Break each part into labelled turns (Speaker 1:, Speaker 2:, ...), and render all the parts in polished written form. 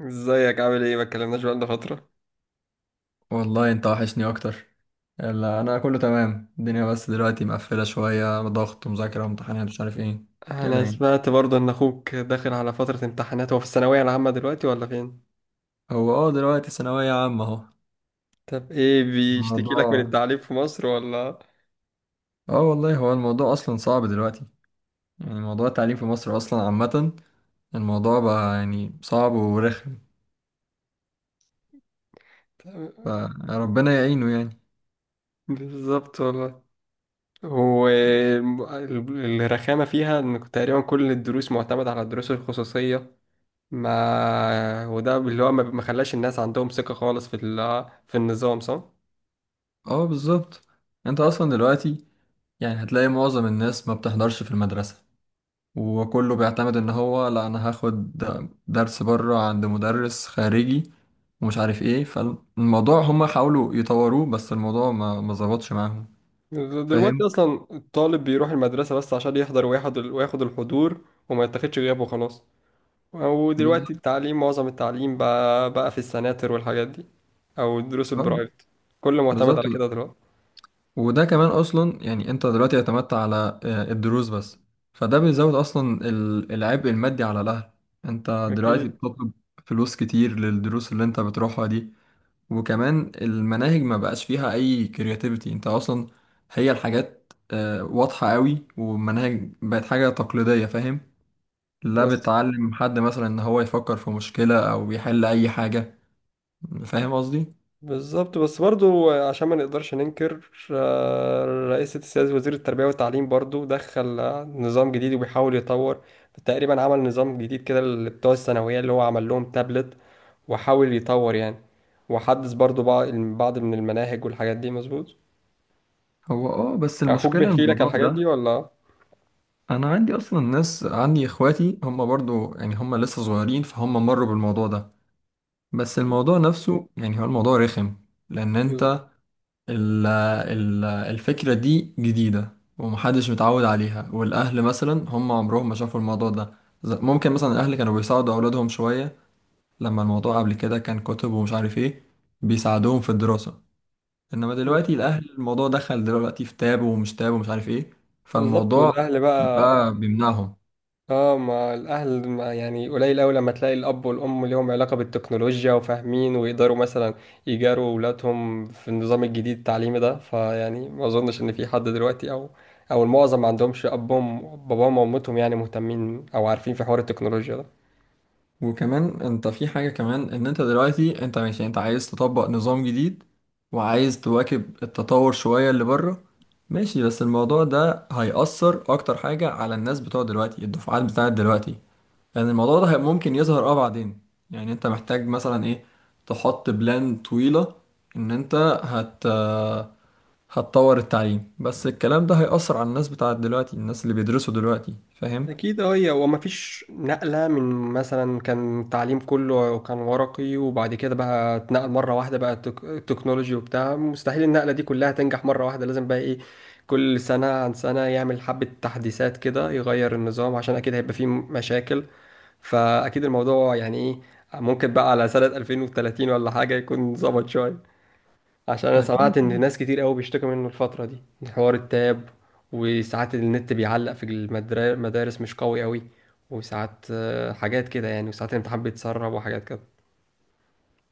Speaker 1: ازيك عامل ايه؟ ما اتكلمناش بقالنا فترة.
Speaker 2: والله انت وحشني اكتر. يلا، انا كله تمام، الدنيا بس دلوقتي مقفله شويه، ضغط ومذاكره وامتحانات مش عارف ايه كده
Speaker 1: انا
Speaker 2: يعني.
Speaker 1: سمعت برضه ان اخوك داخل على فترة امتحانات، هو في الثانوية العامة دلوقتي ولا فين؟
Speaker 2: هو دلوقتي ثانويه عامه اهو.
Speaker 1: طب ايه بيشتكي لك من
Speaker 2: الموضوع
Speaker 1: التعليم في مصر ولا؟
Speaker 2: اه والله، هو الموضوع اصلا صعب دلوقتي، يعني موضوع التعليم في مصر اصلا عامه. الموضوع بقى يعني صعب ورخم، فربنا يعينه يعني.
Speaker 1: بالظبط والله. هو الرخامة فيها ان تقريبا كل الدروس معتمدة على الدروس الخصوصية، ما وده اللي هو ما خلاش الناس عندهم ثقة خالص في النظام، صح؟
Speaker 2: اه، بالظبط. انت اصلا دلوقتي يعني هتلاقي معظم الناس ما بتحضرش في المدرسه، وكله بيعتمد ان هو لا، انا هاخد درس بره عند مدرس خارجي ومش عارف ايه. فالموضوع هما حاولوا يطوروه، بس الموضوع ما ظبطش معاهم،
Speaker 1: دلوقتي
Speaker 2: فاهم؟
Speaker 1: اصلا الطالب بيروح المدرسة بس عشان يحضر وياخد الحضور، وما يتاخدش غيابه خلاص. ودلوقتي
Speaker 2: بالظبط،
Speaker 1: التعليم، معظم التعليم بقى في السناتر والحاجات دي، او الدروس
Speaker 2: آه،
Speaker 1: البرايفت. كله معتمد
Speaker 2: بالظبط.
Speaker 1: على كده دلوقتي.
Speaker 2: وده كمان اصلا يعني انت دلوقتي اعتمدت على الدروس بس، فده بيزود اصلا العبء المادي على الاهل. انت دلوقتي
Speaker 1: اكيد.
Speaker 2: بتطلب فلوس كتير للدروس اللي انت بتروحها دي. وكمان المناهج ما بقاش فيها اي كرياتيفيتي، انت اصلا هي الحاجات واضحة قوي، والمناهج بقت حاجة تقليدية، فاهم؟ لا
Speaker 1: بس
Speaker 2: بتعلم حد مثلا ان هو يفكر في مشكلة او يحل اي حاجة. فاهم قصدي؟
Speaker 1: بالظبط، بس برضو عشان ما نقدرش ننكر، رئيس السياسة وزير التربية والتعليم برضو دخل نظام جديد وبيحاول يطور. تقريبا عمل نظام جديد كده اللي بتوع الثانوية، اللي هو عمل لهم تابلت وحاول يطور يعني، وحدث برضو بعض من المناهج والحاجات دي، مظبوط.
Speaker 2: هو بس
Speaker 1: اخوك
Speaker 2: المشكلة إن
Speaker 1: بيحكي لك على
Speaker 2: الموضوع
Speaker 1: الحاجات دي
Speaker 2: ده،
Speaker 1: ولا؟
Speaker 2: انا عندي اصلا ناس، عندي اخواتي هم برضو يعني هم لسه صغيرين فهم مروا بالموضوع ده. بس الموضوع نفسه يعني هو الموضوع رخم، لان انت ال ال الفكرة دي جديدة ومحدش متعود عليها، والأهل مثلا هم عمرهم ما شافوا الموضوع ده. ممكن مثلا الأهل كانوا بيساعدوا أولادهم شوية لما الموضوع قبل كده كان كتب ومش عارف إيه، بيساعدوهم في الدراسة. إنما
Speaker 1: بز-
Speaker 2: دلوقتي الأهل الموضوع دخل دلوقتي في تاب ومش تاب ومش عارف إيه،
Speaker 1: بالظبط.
Speaker 2: فالموضوع
Speaker 1: والاهل بقى،
Speaker 2: بقى بيمنعهم.
Speaker 1: اه ما الاهل ما يعني قليل قوي لما تلاقي الاب والام ليهم علاقه بالتكنولوجيا وفاهمين ويقدروا مثلا يجاروا اولادهم في النظام الجديد التعليمي ده. فيعني ما اظنش ان في حد دلوقتي، او المعظم ما عندهمش ابهم باباهم وامتهم يعني مهتمين او عارفين في حوار التكنولوجيا ده.
Speaker 2: وكمان انت في حاجة كمان، ان انت دلوقتي انت ماشي، انت عايز تطبق نظام جديد وعايز تواكب التطور شوية اللي بره. ماشي، بس الموضوع ده هيأثر اكتر حاجة على الناس بتوع دلوقتي، الدفعات بتاعت دلوقتي. لان الموضوع ده ممكن يظهر بعدين، يعني انت محتاج مثلا ايه، تحط بلان طويلة ان انت هت هتطور التعليم، بس الكلام ده هيأثر على الناس بتاعت دلوقتي، الناس اللي بيدرسوا دلوقتي، فاهم؟
Speaker 1: أكيد أه، هي وما فيش نقلة من، مثلا كان تعليم كله كان ورقي، وبعد كده بقى اتنقل مرة واحدة بقى تكنولوجي وبتاع. مستحيل النقلة دي كلها تنجح مرة واحدة، لازم بقى إيه، كل سنة عن سنة يعمل حبة تحديثات كده يغير النظام، عشان أكيد هيبقى فيه مشاكل. فأكيد الموضوع يعني إيه، ممكن بقى على سنة 2030 ولا حاجة يكون ظبط شوية، عشان انا سمعت
Speaker 2: أكيد.
Speaker 1: ان ناس كتير قوي بيشتكوا منه الفترة دي، حوار التاب. وساعات النت بيعلق في المدارس، مش قوي قوي. وساعات حاجات كده يعني، وساعات الامتحان بيتسرب وحاجات كده.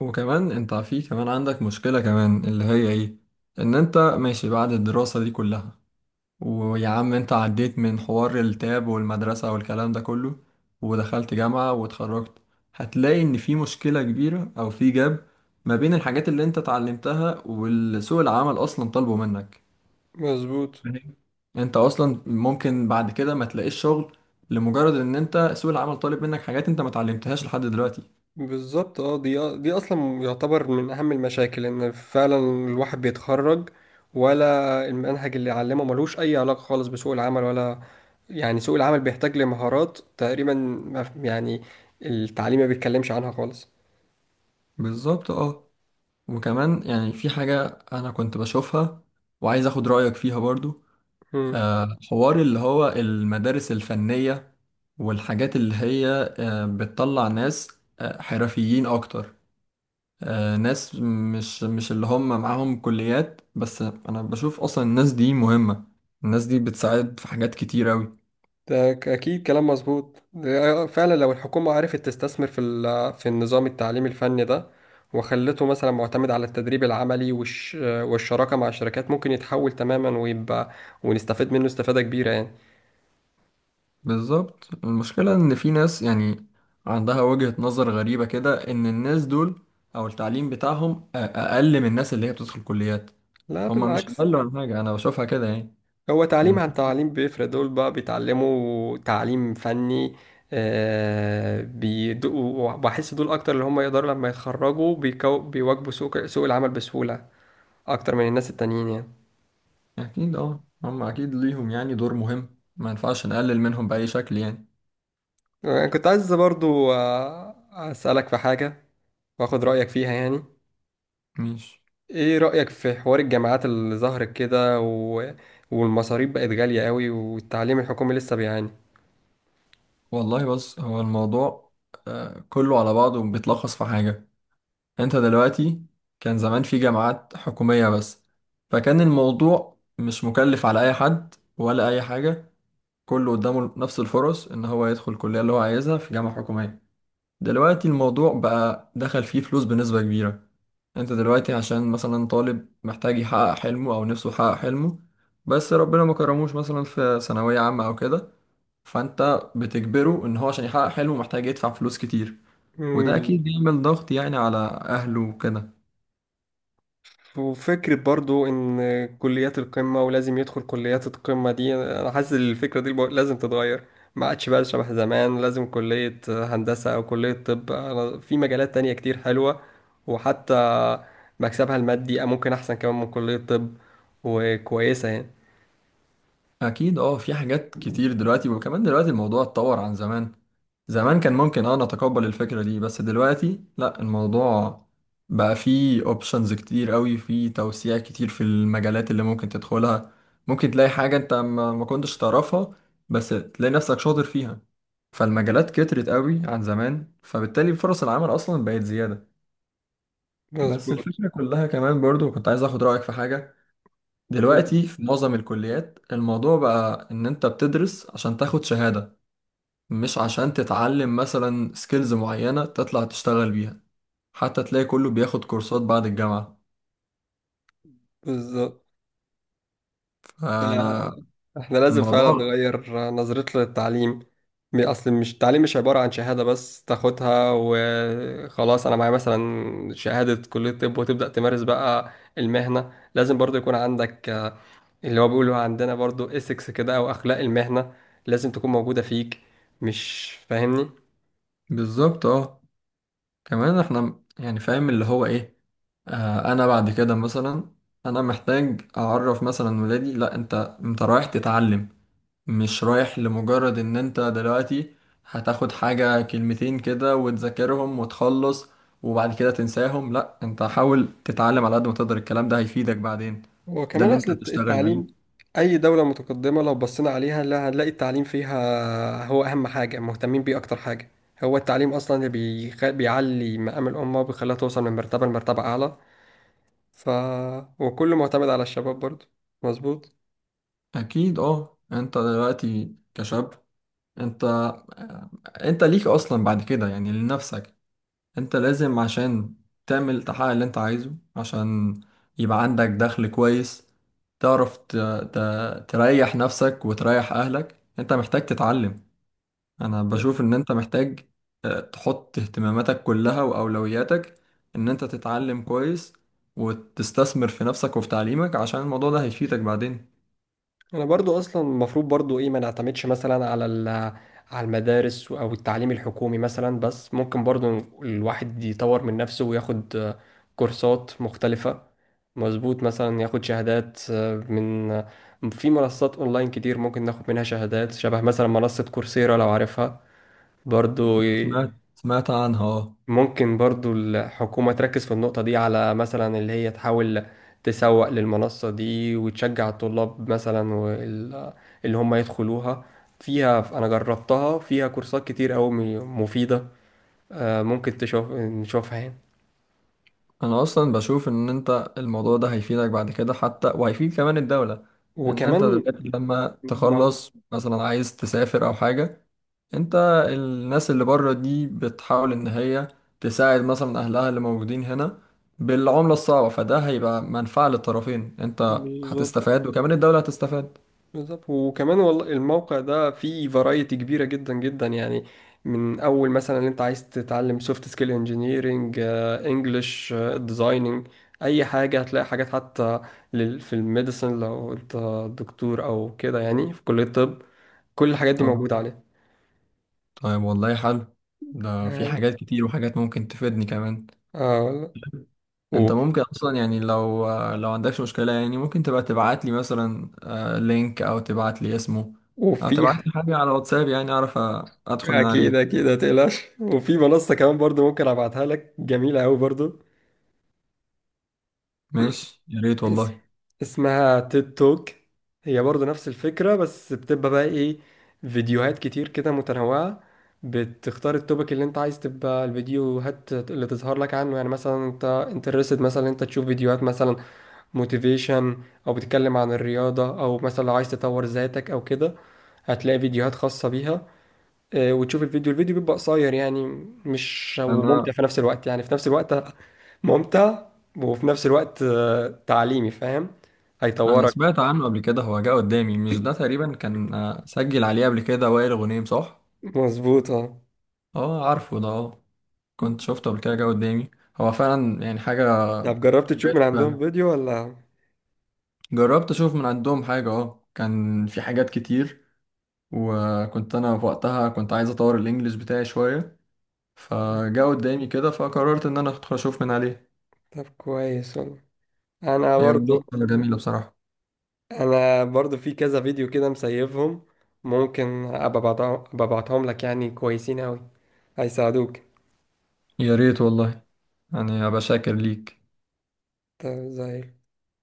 Speaker 2: وكمان انت في كمان عندك مشكلة كمان، اللي هي ايه؟ ان انت ماشي بعد الدراسة دي كلها، ويا عم انت عديت من حوار التاب والمدرسة والكلام ده كله ودخلت جامعة واتخرجت، هتلاقي ان في مشكلة كبيرة او في جاب ما بين الحاجات اللي انت اتعلمتها والسوق العمل اصلا طالبه منك،
Speaker 1: مظبوط،
Speaker 2: فاهم؟ انت اصلا ممكن بعد كده ما تلاقيش شغل، لمجرد ان انت سوق العمل طالب منك حاجات انت ما اتعلمتهاش لحد دلوقتي.
Speaker 1: بالظبط اه. دي اصلا يعتبر من اهم المشاكل، ان فعلا الواحد بيتخرج، ولا المنهج اللي علمه ملوش اي علاقة خالص بسوق العمل ولا. يعني سوق العمل بيحتاج لمهارات تقريبا ما يعني التعليم ما بيتكلمش عنها خالص.
Speaker 2: بالظبط، اه. وكمان يعني في حاجة أنا كنت بشوفها وعايز أخد رأيك فيها برضو،
Speaker 1: مم.
Speaker 2: حوار اللي هو المدارس الفنية، والحاجات اللي هي بتطلع ناس، حرفيين أكتر، ناس مش اللي هم معاهم كليات، بس أنا بشوف أصلا الناس دي مهمة، الناس دي بتساعد في حاجات كتير أوي.
Speaker 1: أكيد كلام مظبوط. ده فعلا لو الحكومة عرفت تستثمر في النظام التعليمي الفني ده، وخلته مثلا معتمد على التدريب العملي والشراكة مع الشركات، ممكن يتحول تماما ويبقى، ونستفيد منه استفادة كبيرة يعني.
Speaker 2: بالظبط، المشكلة إن في ناس يعني عندها وجهة نظر غريبة كده، إن الناس دول أو التعليم بتاعهم أقل من الناس اللي هي بتدخل كليات.
Speaker 1: لا
Speaker 2: هما مش
Speaker 1: بالعكس،
Speaker 2: أقل عن حاجة، أنا بشوفها كده يعني.
Speaker 1: هو تعليم
Speaker 2: يعني
Speaker 1: عن تعليم بيفرق. دول بقى بيتعلموا تعليم فني. وبحس دول أكتر اللي هم يقدروا لما يتخرجوا بيواجهوا سوق العمل بسهولة أكتر من الناس التانيين يعني.
Speaker 2: أكيد، أه، هما أكيد ليهم يعني دور مهم، ما ينفعش نقلل منهم بأي شكل يعني.
Speaker 1: أنا كنت عايز برضو أسألك في حاجة وآخد رأيك فيها يعني.
Speaker 2: مش.
Speaker 1: إيه رأيك في حوار الجامعات اللي ظهرت كده والمصاريف بقت غالية قوي والتعليم الحكومي لسه بيعاني؟
Speaker 2: والله بص، هو الموضوع كله على بعضه بيتلخص في حاجة، أنت دلوقتي كان زمان في جامعات حكومية بس، فكان الموضوع مش مكلف على أي حد ولا أي حاجة، كله قدامه نفس الفرص ان هو يدخل الكليه اللي هو عايزها في جامعه حكوميه. دلوقتي الموضوع بقى دخل فيه فلوس بنسبه كبيره، انت دلوقتي عشان مثلا طالب محتاج يحقق حلمه او نفسه يحقق حلمه، بس ربنا ما كرموش مثلا في ثانويه عامه او كده، فانت بتجبره ان هو عشان يحقق حلمه محتاج يدفع فلوس كتير، وده اكيد بيعمل ضغط يعني على اهله وكده.
Speaker 1: وفكرة برضو إن كليات القمة، ولازم يدخل كليات القمة دي، أنا حاسس إن الفكرة دي لازم تتغير. ما عادش بقى شبه زمان لازم كلية هندسة أو كلية طب. أنا في مجالات تانية كتير حلوة، وحتى مكسبها المادي ممكن أحسن كمان من كلية طب، وكويسة يعني.
Speaker 2: اكيد، اه، في حاجات كتير دلوقتي. وكمان دلوقتي الموضوع اتطور عن زمان، زمان كان ممكن نتقبل الفكرة دي، بس دلوقتي لا، الموضوع بقى فيه اوبشنز كتير قوي، فيه توسيع كتير في المجالات اللي ممكن تدخلها. ممكن تلاقي حاجة انت ما كنتش تعرفها، بس تلاقي نفسك شاطر فيها، فالمجالات كترت قوي عن زمان، فبالتالي فرص العمل اصلا بقت زيادة. بس
Speaker 1: مظبوط،
Speaker 2: الفكرة كلها كمان برضو كنت عايز اخد رأيك في حاجة، دلوقتي في معظم الكليات الموضوع بقى إن أنت بتدرس عشان تاخد شهادة، مش عشان تتعلم مثلا سكيلز معينة تطلع تشتغل بيها. حتى تلاقي كله بياخد كورسات بعد الجامعة.
Speaker 1: بالظبط. ف-
Speaker 2: فأنا
Speaker 1: احنا لازم فعلا
Speaker 2: الموضوع.
Speaker 1: نغير نظرتنا للتعليم. اصل مش التعليم مش عبارة عن شهادة بس تاخدها وخلاص. انا معايا مثلا شهادة كلية طب وتبدأ تمارس بقى المهنة، لازم برضو يكون عندك اللي هو بيقولوا عندنا برضو اسكس كده او اخلاق المهنة، لازم تكون موجودة فيك. مش فاهمني؟
Speaker 2: بالظبط، اه، كمان احنا يعني فاهم اللي هو ايه، أنا بعد كده مثلا أنا محتاج أعرف مثلا ولادي، لأ، أنت رايح تتعلم، مش رايح لمجرد ان انت دلوقتي هتاخد حاجة كلمتين كده وتذاكرهم وتخلص وبعد كده تنساهم. لا، انت حاول تتعلم على قد ما تقدر، الكلام ده هيفيدك بعدين، ده
Speaker 1: وكمان
Speaker 2: اللي
Speaker 1: أصل
Speaker 2: انت هتشتغل
Speaker 1: التعليم،
Speaker 2: بيه.
Speaker 1: أي دولة متقدمة لو بصينا عليها، لا هنلاقي التعليم فيها هو أهم حاجة، مهتمين بيه أكتر حاجة. هو التعليم أصلا اللي بيعلي مقام الأمة وبيخليها توصل من مرتبة لمرتبة أعلى. ف وكله معتمد على الشباب برضه. مظبوط.
Speaker 2: اكيد، اه، انت دلوقتي كشاب، انت آه، انت ليك اصلا بعد كده يعني لنفسك، انت لازم عشان تعمل تحقق اللي انت عايزه، عشان يبقى عندك دخل كويس، تعرف ت... تريح نفسك وتريح اهلك. انت محتاج تتعلم، انا بشوف ان انت محتاج تحط اهتماماتك كلها واولوياتك ان انت تتعلم كويس، وتستثمر في نفسك وفي تعليمك، عشان الموضوع ده هيفيدك بعدين.
Speaker 1: انا برضو اصلا المفروض برضو ايه، ما نعتمدش مثلا على المدارس او التعليم الحكومي مثلا بس، ممكن برضو الواحد يطور من نفسه وياخد كورسات مختلفة. مظبوط، مثلا ياخد شهادات من في منصات اونلاين كتير ممكن ناخد منها شهادات. شبه مثلا منصة كورسيرا، لو عارفها برضو.
Speaker 2: سمعت عنها، اه.
Speaker 1: ممكن برضو الحكومة تركز في النقطة دي، على مثلا اللي هي تحاول تسوق للمنصة دي وتشجع الطلاب مثلا اللي هم يدخلوها. فيها أنا جربتها، فيها كورسات كتير أوي مفيدة. ممكن تشوف نشوفها يعني.
Speaker 2: انا اصلا بشوف ان انت الموضوع ده هيفيدك بعد كده، حتى وهيفيد كمان الدولة، ان انت
Speaker 1: وكمان
Speaker 2: دلوقتي لما
Speaker 1: ما-
Speaker 2: تخلص مثلا عايز تسافر او حاجة، انت الناس اللي بره دي بتحاول ان هي تساعد مثلا اهلها اللي موجودين هنا بالعملة الصعبة، فده هيبقى منفعة للطرفين، انت
Speaker 1: بالظبط،
Speaker 2: هتستفاد وكمان الدولة هتستفاد.
Speaker 1: بالظبط. وكمان والله الموقع ده فيه فرايتي كبيرة جدا جدا يعني، من أول مثلا اللي أنت عايز تتعلم سوفت سكيل، انجينيرنج، انجلش، ديزايننج، أي حاجة هتلاقي حاجات. حتى في الميديسن لو أنت دكتور أو كده يعني في كلية الطب، كل الحاجات دي
Speaker 2: اه،
Speaker 1: موجودة عليه.
Speaker 2: طيب والله حلو، ده في
Speaker 1: تمام.
Speaker 2: حاجات كتير وحاجات ممكن تفيدني كمان.
Speaker 1: اه والله. و-
Speaker 2: انت ممكن اصلا يعني لو عندكش مشكله، يعني ممكن تبقى تبعت لي مثلا لينك، او تبعت لي اسمه، او
Speaker 1: وفي،
Speaker 2: تبعت لي حاجه على واتساب، يعني اعرف ادخل من
Speaker 1: أكيد
Speaker 2: عليها.
Speaker 1: أكيد متقلقش، وفي منصة كمان برضو ممكن أبعتها لك جميلة أوي برضو.
Speaker 2: ماشي، يا ريت
Speaker 1: اس...
Speaker 2: والله.
Speaker 1: اسمها تيد توك، هي برضو نفس الفكرة بس بتبقى بقى ايه، فيديوهات كتير كده متنوعة، بتختار التوبيك اللي انت عايز تبقى الفيديوهات اللي تظهر لك عنه. يعني مثلا انت انترستد مثلا انت تشوف فيديوهات مثلا موتيفيشن، او بتتكلم عن الرياضة، او مثلا لو عايز تطور ذاتك او كده هتلاقي فيديوهات خاصة بيها. وتشوف الفيديو، بيبقى قصير يعني، مش، وممتع
Speaker 2: انا
Speaker 1: في نفس الوقت، يعني في نفس الوقت ممتع وفي نفس الوقت تعليمي، فاهم،
Speaker 2: انا
Speaker 1: هيطورك.
Speaker 2: سمعت عنه قبل كده، هو جه قدامي، مش ده تقريبا كان سجل عليه قبل كده وائل غنيم، صح؟
Speaker 1: مظبوط اه.
Speaker 2: اه، عارفه ده، اه، كنت شفته قبل كده جه قدامي، هو فعلا يعني حاجه
Speaker 1: طب جربت تشوف
Speaker 2: كويسه
Speaker 1: من عندهم
Speaker 2: فعلا.
Speaker 1: فيديو ولا؟
Speaker 2: جربت اشوف من عندهم حاجه، كان في حاجات كتير، وكنت انا في وقتها كنت عايز اطور الانجليش بتاعي شويه، فجاء قدامي كده فقررت ان انا ادخل اشوف من عليه.
Speaker 1: طب كويس والله. انا
Speaker 2: هي
Speaker 1: برضو
Speaker 2: منصه جميله بصراحه.
Speaker 1: انا برضو في كذا فيديو كده مسيفهم، ممكن ابقى أبعتهم أبقى أبعتهم لك، يعني كويسين اوي هيساعدوك.
Speaker 2: يا ريت والله، يعني ابقى شاكر ليك.
Speaker 1: طب زي،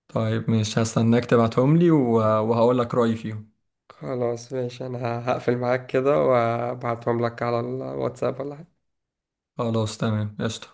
Speaker 2: طيب مش هستناك تبعتهم لي وهقول لك رايي فيهم.
Speaker 1: خلاص ماشي انا هقفل معاك كده وابعتهم لك على الواتساب ولا؟
Speaker 2: خلاص تمام قشطه.